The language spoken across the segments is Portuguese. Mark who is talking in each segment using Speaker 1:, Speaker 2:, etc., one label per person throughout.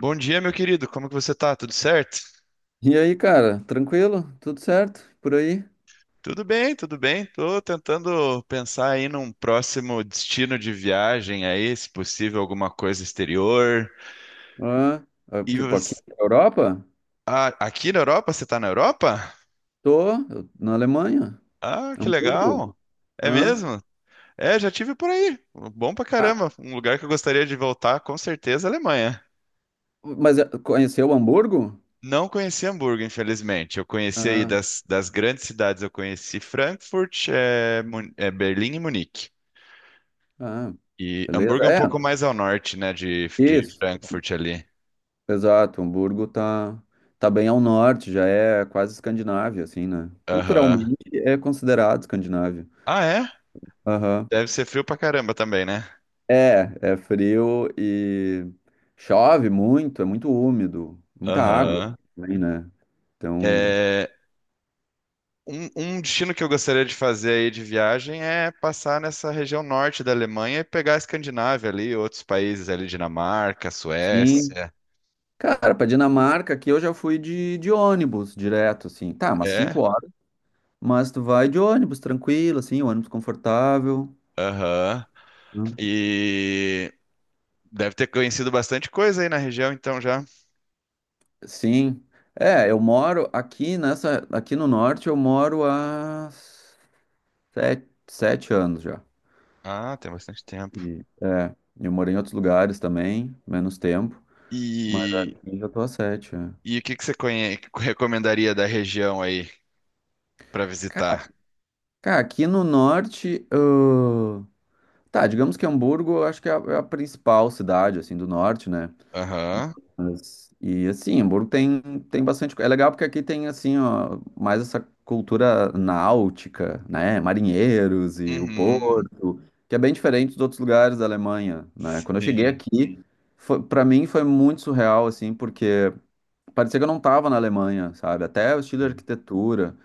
Speaker 1: Bom dia, meu querido. Como que você tá? Tudo certo?
Speaker 2: E aí, cara, tranquilo? Tudo certo? Por aí?
Speaker 1: Tudo bem, tudo bem. Tô tentando pensar aí num próximo destino de viagem aí, se possível alguma coisa exterior.
Speaker 2: Ah,
Speaker 1: E
Speaker 2: tipo, aqui
Speaker 1: você...
Speaker 2: na Europa?
Speaker 1: Ah, aqui na Europa? Você tá na Europa?
Speaker 2: Tô, na Alemanha,
Speaker 1: Ah, que
Speaker 2: Hamburgo.
Speaker 1: legal. É
Speaker 2: Ah,
Speaker 1: mesmo? É, já tive por aí. Bom pra
Speaker 2: ah,
Speaker 1: caramba. Um lugar que eu gostaria de voltar, com certeza, é a Alemanha.
Speaker 2: mas conheceu Hamburgo?
Speaker 1: Não conheci Hamburgo, infelizmente. Eu conheci aí
Speaker 2: Ah,
Speaker 1: das grandes cidades, eu conheci Frankfurt, Berlim e Munique.
Speaker 2: ah,
Speaker 1: E
Speaker 2: beleza,
Speaker 1: Hamburgo é um
Speaker 2: é,
Speaker 1: pouco mais ao norte, né, de
Speaker 2: isso,
Speaker 1: Frankfurt ali.
Speaker 2: exato, Hamburgo tá bem ao norte, já é quase Escandinávia, assim, né?
Speaker 1: Aham.
Speaker 2: Culturalmente é considerado Escandinávia.
Speaker 1: Ah, é? Deve ser frio pra caramba também, né?
Speaker 2: É, é frio e chove muito, é muito úmido, muita água
Speaker 1: Aham.
Speaker 2: também, né? Então,
Speaker 1: É, um destino que eu gostaria de fazer aí de viagem é passar nessa região norte da Alemanha e pegar a Escandinávia ali, outros países ali, Dinamarca,
Speaker 2: sim.
Speaker 1: Suécia.
Speaker 2: Cara, pra Dinamarca aqui eu já fui de ônibus direto, assim. Tá, umas 5
Speaker 1: É,
Speaker 2: horas, mas tu vai de ônibus tranquilo, assim, ônibus confortável,
Speaker 1: aham.
Speaker 2: né?
Speaker 1: E deve ter conhecido bastante coisa aí na região, então já.
Speaker 2: Sim. É, eu moro aqui nessa, aqui no norte, eu moro há sete anos já.
Speaker 1: Ah, tem bastante tempo.
Speaker 2: E, é, eu morei em outros lugares também, menos tempo. Mas
Speaker 1: E,
Speaker 2: aqui já tô a 7, é.
Speaker 1: e o que que você recomendaria da região aí? Para
Speaker 2: Ca-
Speaker 1: visitar.
Speaker 2: Cara, aqui no norte, tá, digamos que Hamburgo, eu acho que é a, é a principal cidade, assim, do norte, né?
Speaker 1: Aham.
Speaker 2: Mas, e assim, Hamburgo tem bastante, é legal porque aqui tem, assim, ó, mais essa cultura náutica, né? Marinheiros e o
Speaker 1: Uhum.
Speaker 2: porto, que é bem diferente dos outros lugares da Alemanha, né? Quando eu cheguei
Speaker 1: Sim.
Speaker 2: aqui, foi, para mim foi muito surreal, assim, porque parecia que eu não tava na Alemanha, sabe? Até o estilo de
Speaker 1: Sim.
Speaker 2: arquitetura.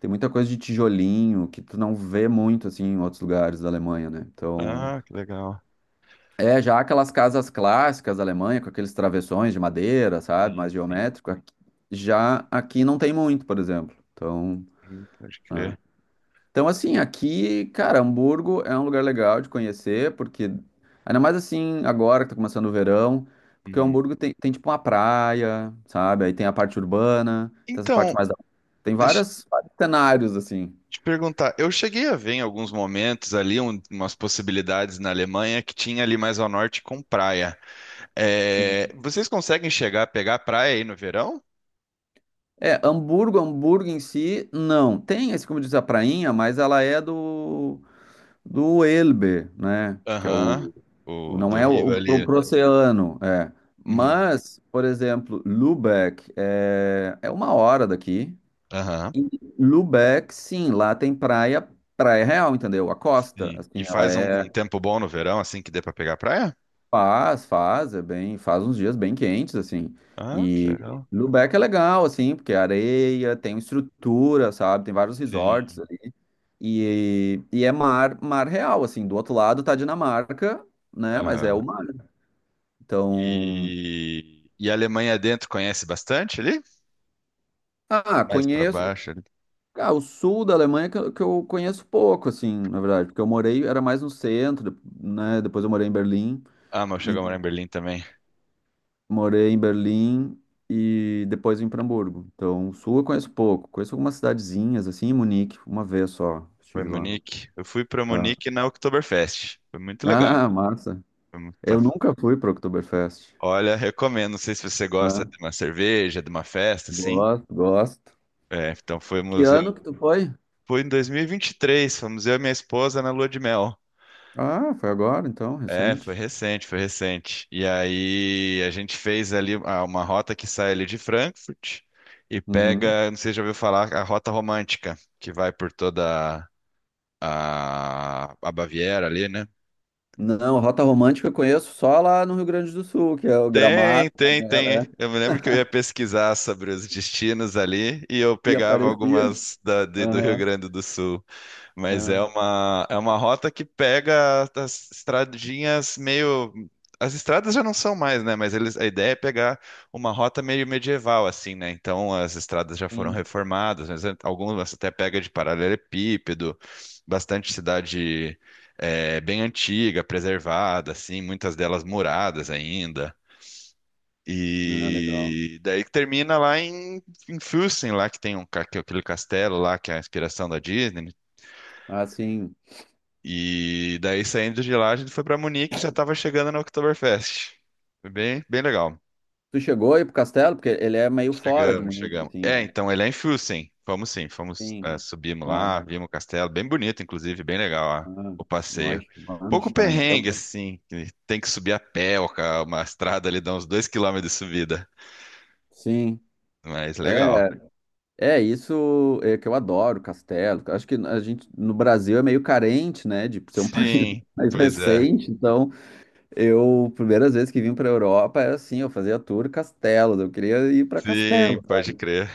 Speaker 2: Tem muita coisa de tijolinho que tu não vê muito assim em outros lugares da Alemanha, né? Então,
Speaker 1: Ah, que legal.
Speaker 2: é já aquelas casas clássicas da Alemanha com aqueles travessões de madeira, sabe, mais
Speaker 1: Sim, sim.
Speaker 2: geométrico, já aqui não tem muito, por exemplo. Então,
Speaker 1: Pode crer.
Speaker 2: então assim, aqui, cara, Hamburgo é um lugar legal de conhecer, porque ainda mais assim agora que tá começando o verão, porque
Speaker 1: Uhum.
Speaker 2: Hamburgo tem tipo uma praia, sabe? Aí tem a parte urbana, tem essa
Speaker 1: Então,
Speaker 2: parte mais da... Tem
Speaker 1: deixa eu
Speaker 2: vários, vários cenários assim.
Speaker 1: te perguntar. Eu cheguei a ver em alguns momentos ali umas possibilidades na Alemanha que tinha ali mais ao norte com praia. É,
Speaker 2: Sim.
Speaker 1: vocês conseguem chegar a pegar praia aí no verão?
Speaker 2: É, Hamburgo, Hamburgo em si, não. Tem, assim como diz, a prainha, mas ela é do Elbe, né? Que é
Speaker 1: Aham.
Speaker 2: o
Speaker 1: O
Speaker 2: não
Speaker 1: do
Speaker 2: é o,
Speaker 1: Rio
Speaker 2: o pro,
Speaker 1: ali.
Speaker 2: pro oceano, é.
Speaker 1: Uhum.
Speaker 2: Mas, por exemplo, Lübeck é, é uma hora daqui.
Speaker 1: Aham.
Speaker 2: E Lübeck, sim, lá tem praia, praia real, entendeu? A costa,
Speaker 1: Sim. E
Speaker 2: assim, ela
Speaker 1: faz um,
Speaker 2: é...
Speaker 1: um tempo bom no verão, assim que dê pra pegar praia?
Speaker 2: Faz, faz, é bem, faz uns dias bem quentes, assim.
Speaker 1: Ah, que
Speaker 2: E
Speaker 1: legal.
Speaker 2: Lubeck é legal, assim, porque é areia, tem estrutura, sabe? Tem vários resorts
Speaker 1: Sim.
Speaker 2: ali. E é mar, mar real, assim. Do outro lado tá Dinamarca, né? Mas é
Speaker 1: Aham.
Speaker 2: o mar. Então,
Speaker 1: E a Alemanha dentro conhece bastante ali?
Speaker 2: ah,
Speaker 1: Mais pra
Speaker 2: conheço.
Speaker 1: baixo ali.
Speaker 2: Ah, o sul da Alemanha que, que eu conheço pouco, assim, na verdade, porque eu morei, era mais no centro, né? Depois eu morei em Berlim,
Speaker 1: Ah, mas eu cheguei a morar em Berlim também.
Speaker 2: morei em Berlim e depois vim para Hamburgo. Então, o sul eu conheço pouco. Conheço algumas cidadezinhas, assim, em Munique, uma vez só
Speaker 1: Foi em
Speaker 2: estive lá.
Speaker 1: Munique. Eu fui pra
Speaker 2: Ah,
Speaker 1: Munique na Oktoberfest. Foi muito legal.
Speaker 2: ah, massa.
Speaker 1: Foi muito pa-
Speaker 2: Eu nunca fui para Oktoberfest.
Speaker 1: Olha, recomendo. Não sei se você gosta
Speaker 2: Ah,
Speaker 1: de uma cerveja, de uma festa, assim.
Speaker 2: gosto, gosto.
Speaker 1: É, então foi
Speaker 2: Que
Speaker 1: museu.
Speaker 2: ano que tu foi?
Speaker 1: Foi em 2023. Fomos eu e minha esposa na lua de mel.
Speaker 2: Ah, foi agora, então,
Speaker 1: É, foi
Speaker 2: recente.
Speaker 1: recente, foi recente. E aí a gente fez ali uma rota que sai ali de Frankfurt e
Speaker 2: Uhum.
Speaker 1: pega, não sei se já ouviu falar, a Rota Romântica, que vai por toda a Baviera ali, né?
Speaker 2: Não, Rota Romântica eu conheço só lá no Rio Grande do Sul, que é o
Speaker 1: Tem,
Speaker 2: Gramado,
Speaker 1: tem,
Speaker 2: Canela,
Speaker 1: tem.
Speaker 2: é,
Speaker 1: Eu me lembro que eu ia pesquisar sobre os destinos ali e eu
Speaker 2: e
Speaker 1: pegava
Speaker 2: aparecia.
Speaker 1: algumas do Rio
Speaker 2: Aham,
Speaker 1: Grande do Sul. Mas
Speaker 2: aham,
Speaker 1: é uma rota que pega as estradinhas meio. As estradas já não são mais, né? Mas eles, a ideia é pegar uma rota meio medieval, assim, né? Então as estradas já foram
Speaker 2: sim.
Speaker 1: reformadas, mas algumas até pega de paralelepípedo, bastante cidade. É, bem antiga, preservada, assim, muitas delas muradas ainda.
Speaker 2: Ah, legal.
Speaker 1: E daí que termina lá em, em Füssen, lá que tem um, que é aquele castelo lá, que é a inspiração da Disney.
Speaker 2: Ah, sim.
Speaker 1: E daí saindo de lá, a gente foi para Munique e já estava chegando na Oktoberfest. Foi bem, bem legal.
Speaker 2: Tu chegou aí pro castelo? Porque ele é meio fora de
Speaker 1: Chegamos,
Speaker 2: Munique,
Speaker 1: chegamos.
Speaker 2: assim,
Speaker 1: É,
Speaker 2: né?
Speaker 1: então ele é em Füssen. Fomos sim, fomos,
Speaker 2: Sim.
Speaker 1: é, subimos
Speaker 2: Ah,
Speaker 1: lá, vimos o castelo, bem bonito, inclusive, bem legal, ó,
Speaker 2: ah,
Speaker 1: o passeio.
Speaker 2: nós,
Speaker 1: Pouco
Speaker 2: Manstein.
Speaker 1: perrengue,
Speaker 2: Então,
Speaker 1: assim, que tem que subir a pé, ó, uma estrada ali dá uns 2 km de subida,
Speaker 2: sim.
Speaker 1: mas legal.
Speaker 2: É, é isso é que eu adoro, castelo. Acho que a gente no Brasil é meio carente, né, de ser um país
Speaker 1: Sim,
Speaker 2: mais
Speaker 1: pois é.
Speaker 2: recente. Então, eu primeiras vezes que vim para a Europa era assim, eu fazia tour castelos, eu queria ir para
Speaker 1: Sim,
Speaker 2: castelo.
Speaker 1: pode crer.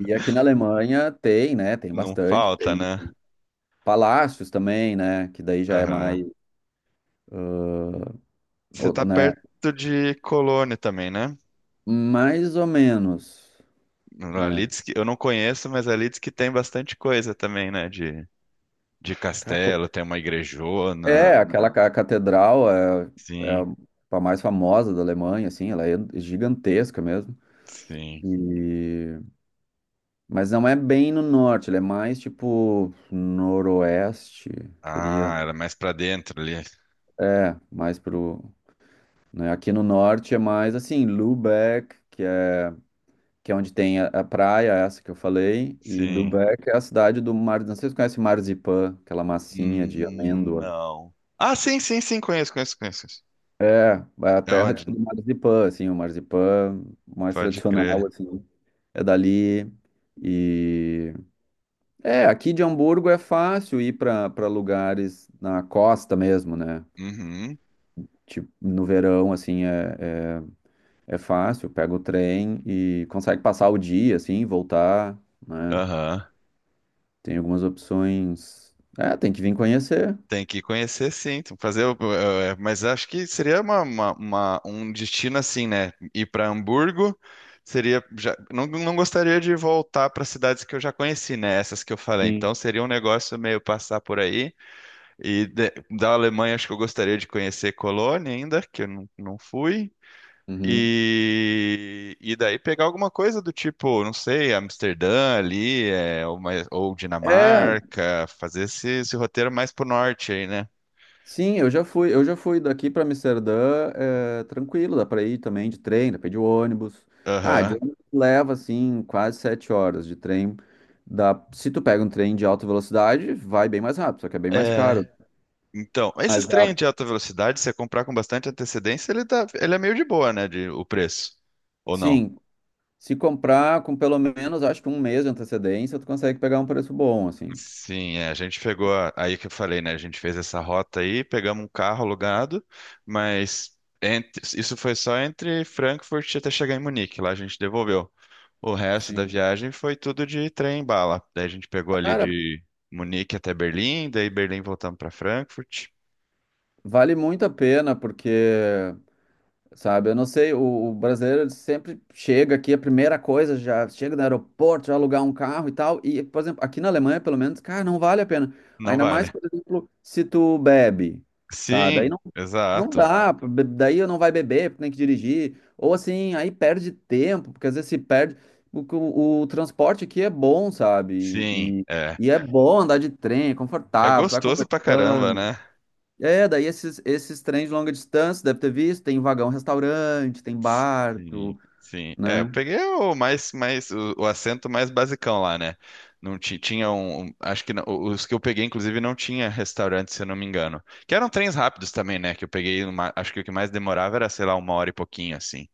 Speaker 2: E aqui na Alemanha tem, né, tem
Speaker 1: Não
Speaker 2: bastante,
Speaker 1: falta,
Speaker 2: tem
Speaker 1: né?
Speaker 2: palácios também, né, que daí já é
Speaker 1: Aham.
Speaker 2: mais,
Speaker 1: Você tá
Speaker 2: né,
Speaker 1: perto de Colônia também, né?
Speaker 2: mais ou menos, né?
Speaker 1: Ali diz que eu não conheço, mas ali diz que tem bastante coisa também, né? De castelo, tem uma igrejona.
Speaker 2: É, aquela catedral é, é
Speaker 1: Sim,
Speaker 2: a mais famosa da Alemanha, assim, ela é gigantesca mesmo.
Speaker 1: sim.
Speaker 2: E... mas não é bem no norte, ela é mais tipo noroeste, seria.
Speaker 1: Ah, era mais pra dentro ali.
Speaker 2: É, mais pro... né, aqui no norte é mais assim, Lübeck, que é onde tem a praia, essa que eu falei, e
Speaker 1: Sim.
Speaker 2: Lübeck é a cidade do mar. Não sei se você conhece Marzipan, aquela massinha de amêndoa.
Speaker 1: Não. Ah, sim, sim, sim, conheço, conheço, conheço.
Speaker 2: É, é a
Speaker 1: É
Speaker 2: terra tipo
Speaker 1: onde?
Speaker 2: do Marzipan, assim, o Marzipan mais
Speaker 1: Pode crer.
Speaker 2: tradicional, assim, é dali. E é, aqui de Hamburgo é fácil ir para lugares na costa mesmo, né?
Speaker 1: Uhum.
Speaker 2: Tipo, no verão, assim, é, é, é fácil, pega o trem e consegue passar o dia, assim, voltar, né?
Speaker 1: Aham.
Speaker 2: Tem algumas opções. É, tem que vir conhecer.
Speaker 1: Tem que conhecer, sim. Tem que fazer, mas acho que seria uma, um destino assim, né? Ir para Hamburgo seria já, não, não gostaria de voltar para cidades que eu já conheci, né? Essas que eu falei.
Speaker 2: Sim.
Speaker 1: Então seria um negócio meio passar por aí. E de- Da Alemanha acho que eu gostaria de conhecer Colônia ainda, que eu não, não fui.
Speaker 2: Uhum.
Speaker 1: E daí pegar alguma coisa do tipo, não sei, Amsterdã ali, ou, ou
Speaker 2: É,
Speaker 1: Dinamarca, fazer esse roteiro mais pro norte aí, né?
Speaker 2: sim, eu já fui daqui para Amsterdã, é, tranquilo, dá para ir também de trem, dá para ir de ônibus. Tá, de
Speaker 1: Aham.
Speaker 2: ônibus leva assim quase 7 horas de trem. Dá, se tu pega um trem de alta velocidade, vai bem mais rápido, só que é bem mais caro.
Speaker 1: É. Então,
Speaker 2: Mas
Speaker 1: esses
Speaker 2: dá,
Speaker 1: trens de alta velocidade, se você comprar com bastante antecedência, ele tá, ele é meio de boa, né, de, o preço. Ou não?
Speaker 2: sim, se comprar com pelo menos, acho que um mês de antecedência, tu consegue pegar um preço bom, assim.
Speaker 1: Sim, é, a gente pegou, aí que eu falei, né? A gente fez essa rota aí, pegamos um carro alugado, mas isso foi só entre Frankfurt até chegar em Munique, lá a gente devolveu. O resto da
Speaker 2: Sim.
Speaker 1: viagem foi tudo de trem e bala. Daí a gente pegou ali
Speaker 2: Cara,
Speaker 1: de Munique até Berlim, daí Berlim voltamos para Frankfurt.
Speaker 2: vale muito a pena, porque sabe, eu não sei, o brasileiro ele sempre chega aqui, a primeira coisa, já chega no aeroporto, já alugar um carro e tal. E, por exemplo, aqui na Alemanha, pelo menos, cara, não vale a pena.
Speaker 1: Não
Speaker 2: Ainda mais,
Speaker 1: vale.
Speaker 2: por exemplo, se tu bebe, sabe? Aí
Speaker 1: Sim,
Speaker 2: não, não
Speaker 1: exato.
Speaker 2: dá, daí não vai beber, porque tem que dirigir. Ou assim, aí perde tempo, porque às vezes se perde. O transporte aqui é bom, sabe?
Speaker 1: Sim,
Speaker 2: E, e,
Speaker 1: é.
Speaker 2: e é bom andar de trem, é
Speaker 1: É
Speaker 2: confortável, tu vai
Speaker 1: gostoso pra caramba,
Speaker 2: conversando.
Speaker 1: né?
Speaker 2: É, daí esses, esses trens de longa distância, deve ter visto, tem vagão restaurante, tem
Speaker 1: Sim,
Speaker 2: barco,
Speaker 1: sim. É,
Speaker 2: né?
Speaker 1: eu peguei o mais o assento mais basicão lá, né? Não ti- Tinha acho que os que eu peguei inclusive não tinha restaurante, se eu não me engano. Que eram trens rápidos também, né? Que eu peguei, acho que o que mais demorava era, sei lá, uma hora e pouquinho assim.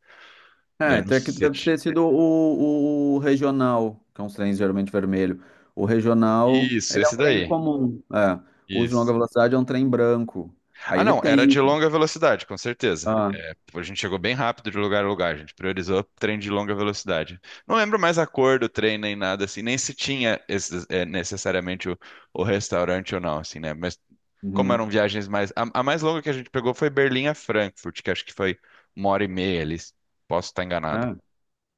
Speaker 2: É,
Speaker 1: Daí eu não
Speaker 2: então aqui
Speaker 1: sei se
Speaker 2: deve
Speaker 1: ti-
Speaker 2: ter sido o regional, que é uns trens geralmente vermelho. O regional,
Speaker 1: Isso,
Speaker 2: ele é um
Speaker 1: esse
Speaker 2: trem
Speaker 1: daí.
Speaker 2: comum, é. O de longa
Speaker 1: Isso.
Speaker 2: velocidade é um trem branco. Aí
Speaker 1: Ah,
Speaker 2: ele
Speaker 1: não, era
Speaker 2: tem.
Speaker 1: de longa velocidade, com certeza.
Speaker 2: Ah,
Speaker 1: Tipo, a gente chegou bem rápido de lugar a lugar, a gente priorizou trem de longa velocidade. Não lembro mais a cor do trem nem nada assim, nem se tinha esses, é, necessariamente o restaurante ou não, assim, né? Mas como
Speaker 2: uhum,
Speaker 1: eram viagens mais. A mais longa que a gente pegou foi Berlim a Frankfurt, que acho que foi uma hora e meia ali. Posso estar
Speaker 2: é,
Speaker 1: enganado.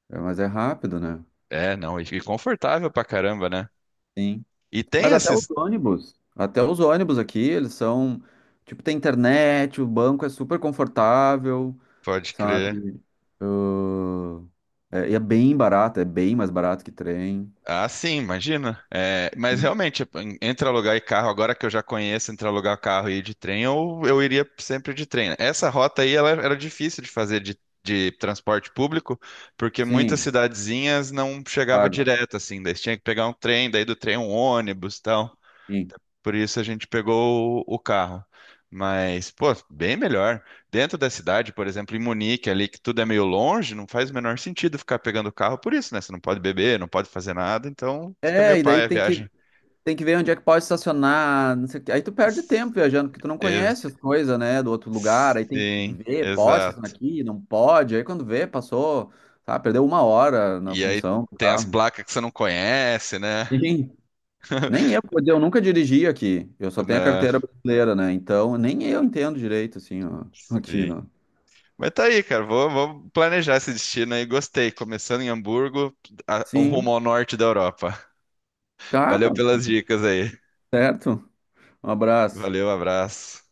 Speaker 2: é, mas é rápido, né?
Speaker 1: É, não, e confortável pra caramba, né?
Speaker 2: Sim.
Speaker 1: E tem
Speaker 2: Mas
Speaker 1: esses.
Speaker 2: até os ônibus aqui, eles são, tipo, tem internet, o banco é super confortável,
Speaker 1: Pode crer.
Speaker 2: sabe? Ah, é, e é bem barato, é bem mais barato que trem.
Speaker 1: Ah, sim, imagina. É, mas
Speaker 2: Sim,
Speaker 1: realmente, tipo, entre alugar e carro, agora que eu já conheço, entre alugar carro e ir de trem, eu iria sempre de trem, né? Essa rota aí, ela era difícil de fazer de transporte público, porque muitas
Speaker 2: sim,
Speaker 1: cidadezinhas não chegava
Speaker 2: claro.
Speaker 1: direto, assim, daí você tinha que pegar um trem, daí do trem um ônibus e tal.
Speaker 2: Sim.
Speaker 1: Por isso a gente pegou o carro. Mas, pô, bem melhor. Dentro da cidade, por exemplo, em Munique, ali que tudo é meio longe, não faz o menor sentido ficar pegando o carro por isso, né? Você não pode beber, não pode fazer nada, então fica meio
Speaker 2: É, e daí
Speaker 1: paia a viagem.
Speaker 2: tem que ver onde é que pode estacionar, não sei o quê. Aí tu perde
Speaker 1: S-
Speaker 2: tempo viajando, porque tu não
Speaker 1: Ex-
Speaker 2: conhece as coisas, né, do outro lugar. Aí tem que
Speaker 1: Sim,
Speaker 2: ver, pode estacionar
Speaker 1: exato.
Speaker 2: aqui, não pode. Aí quando vê, passou, tá, perdeu uma hora na
Speaker 1: E aí
Speaker 2: função do
Speaker 1: tem as
Speaker 2: carro.
Speaker 1: placas que você não conhece, né?
Speaker 2: Sim. Nem eu, porque eu nunca dirigi aqui. Eu só tenho a
Speaker 1: Né?
Speaker 2: carteira brasileira, né? Então, nem eu entendo direito, assim, ó, aqui,
Speaker 1: Sim.
Speaker 2: né?
Speaker 1: Mas tá aí, cara. Vou planejar esse destino aí. Gostei. Começando em Hamburgo, um rumo
Speaker 2: Sim.
Speaker 1: ao norte da Europa.
Speaker 2: Tá,
Speaker 1: Valeu
Speaker 2: cara.
Speaker 1: pelas dicas aí.
Speaker 2: Certo? Um abraço.
Speaker 1: Valeu, abraço.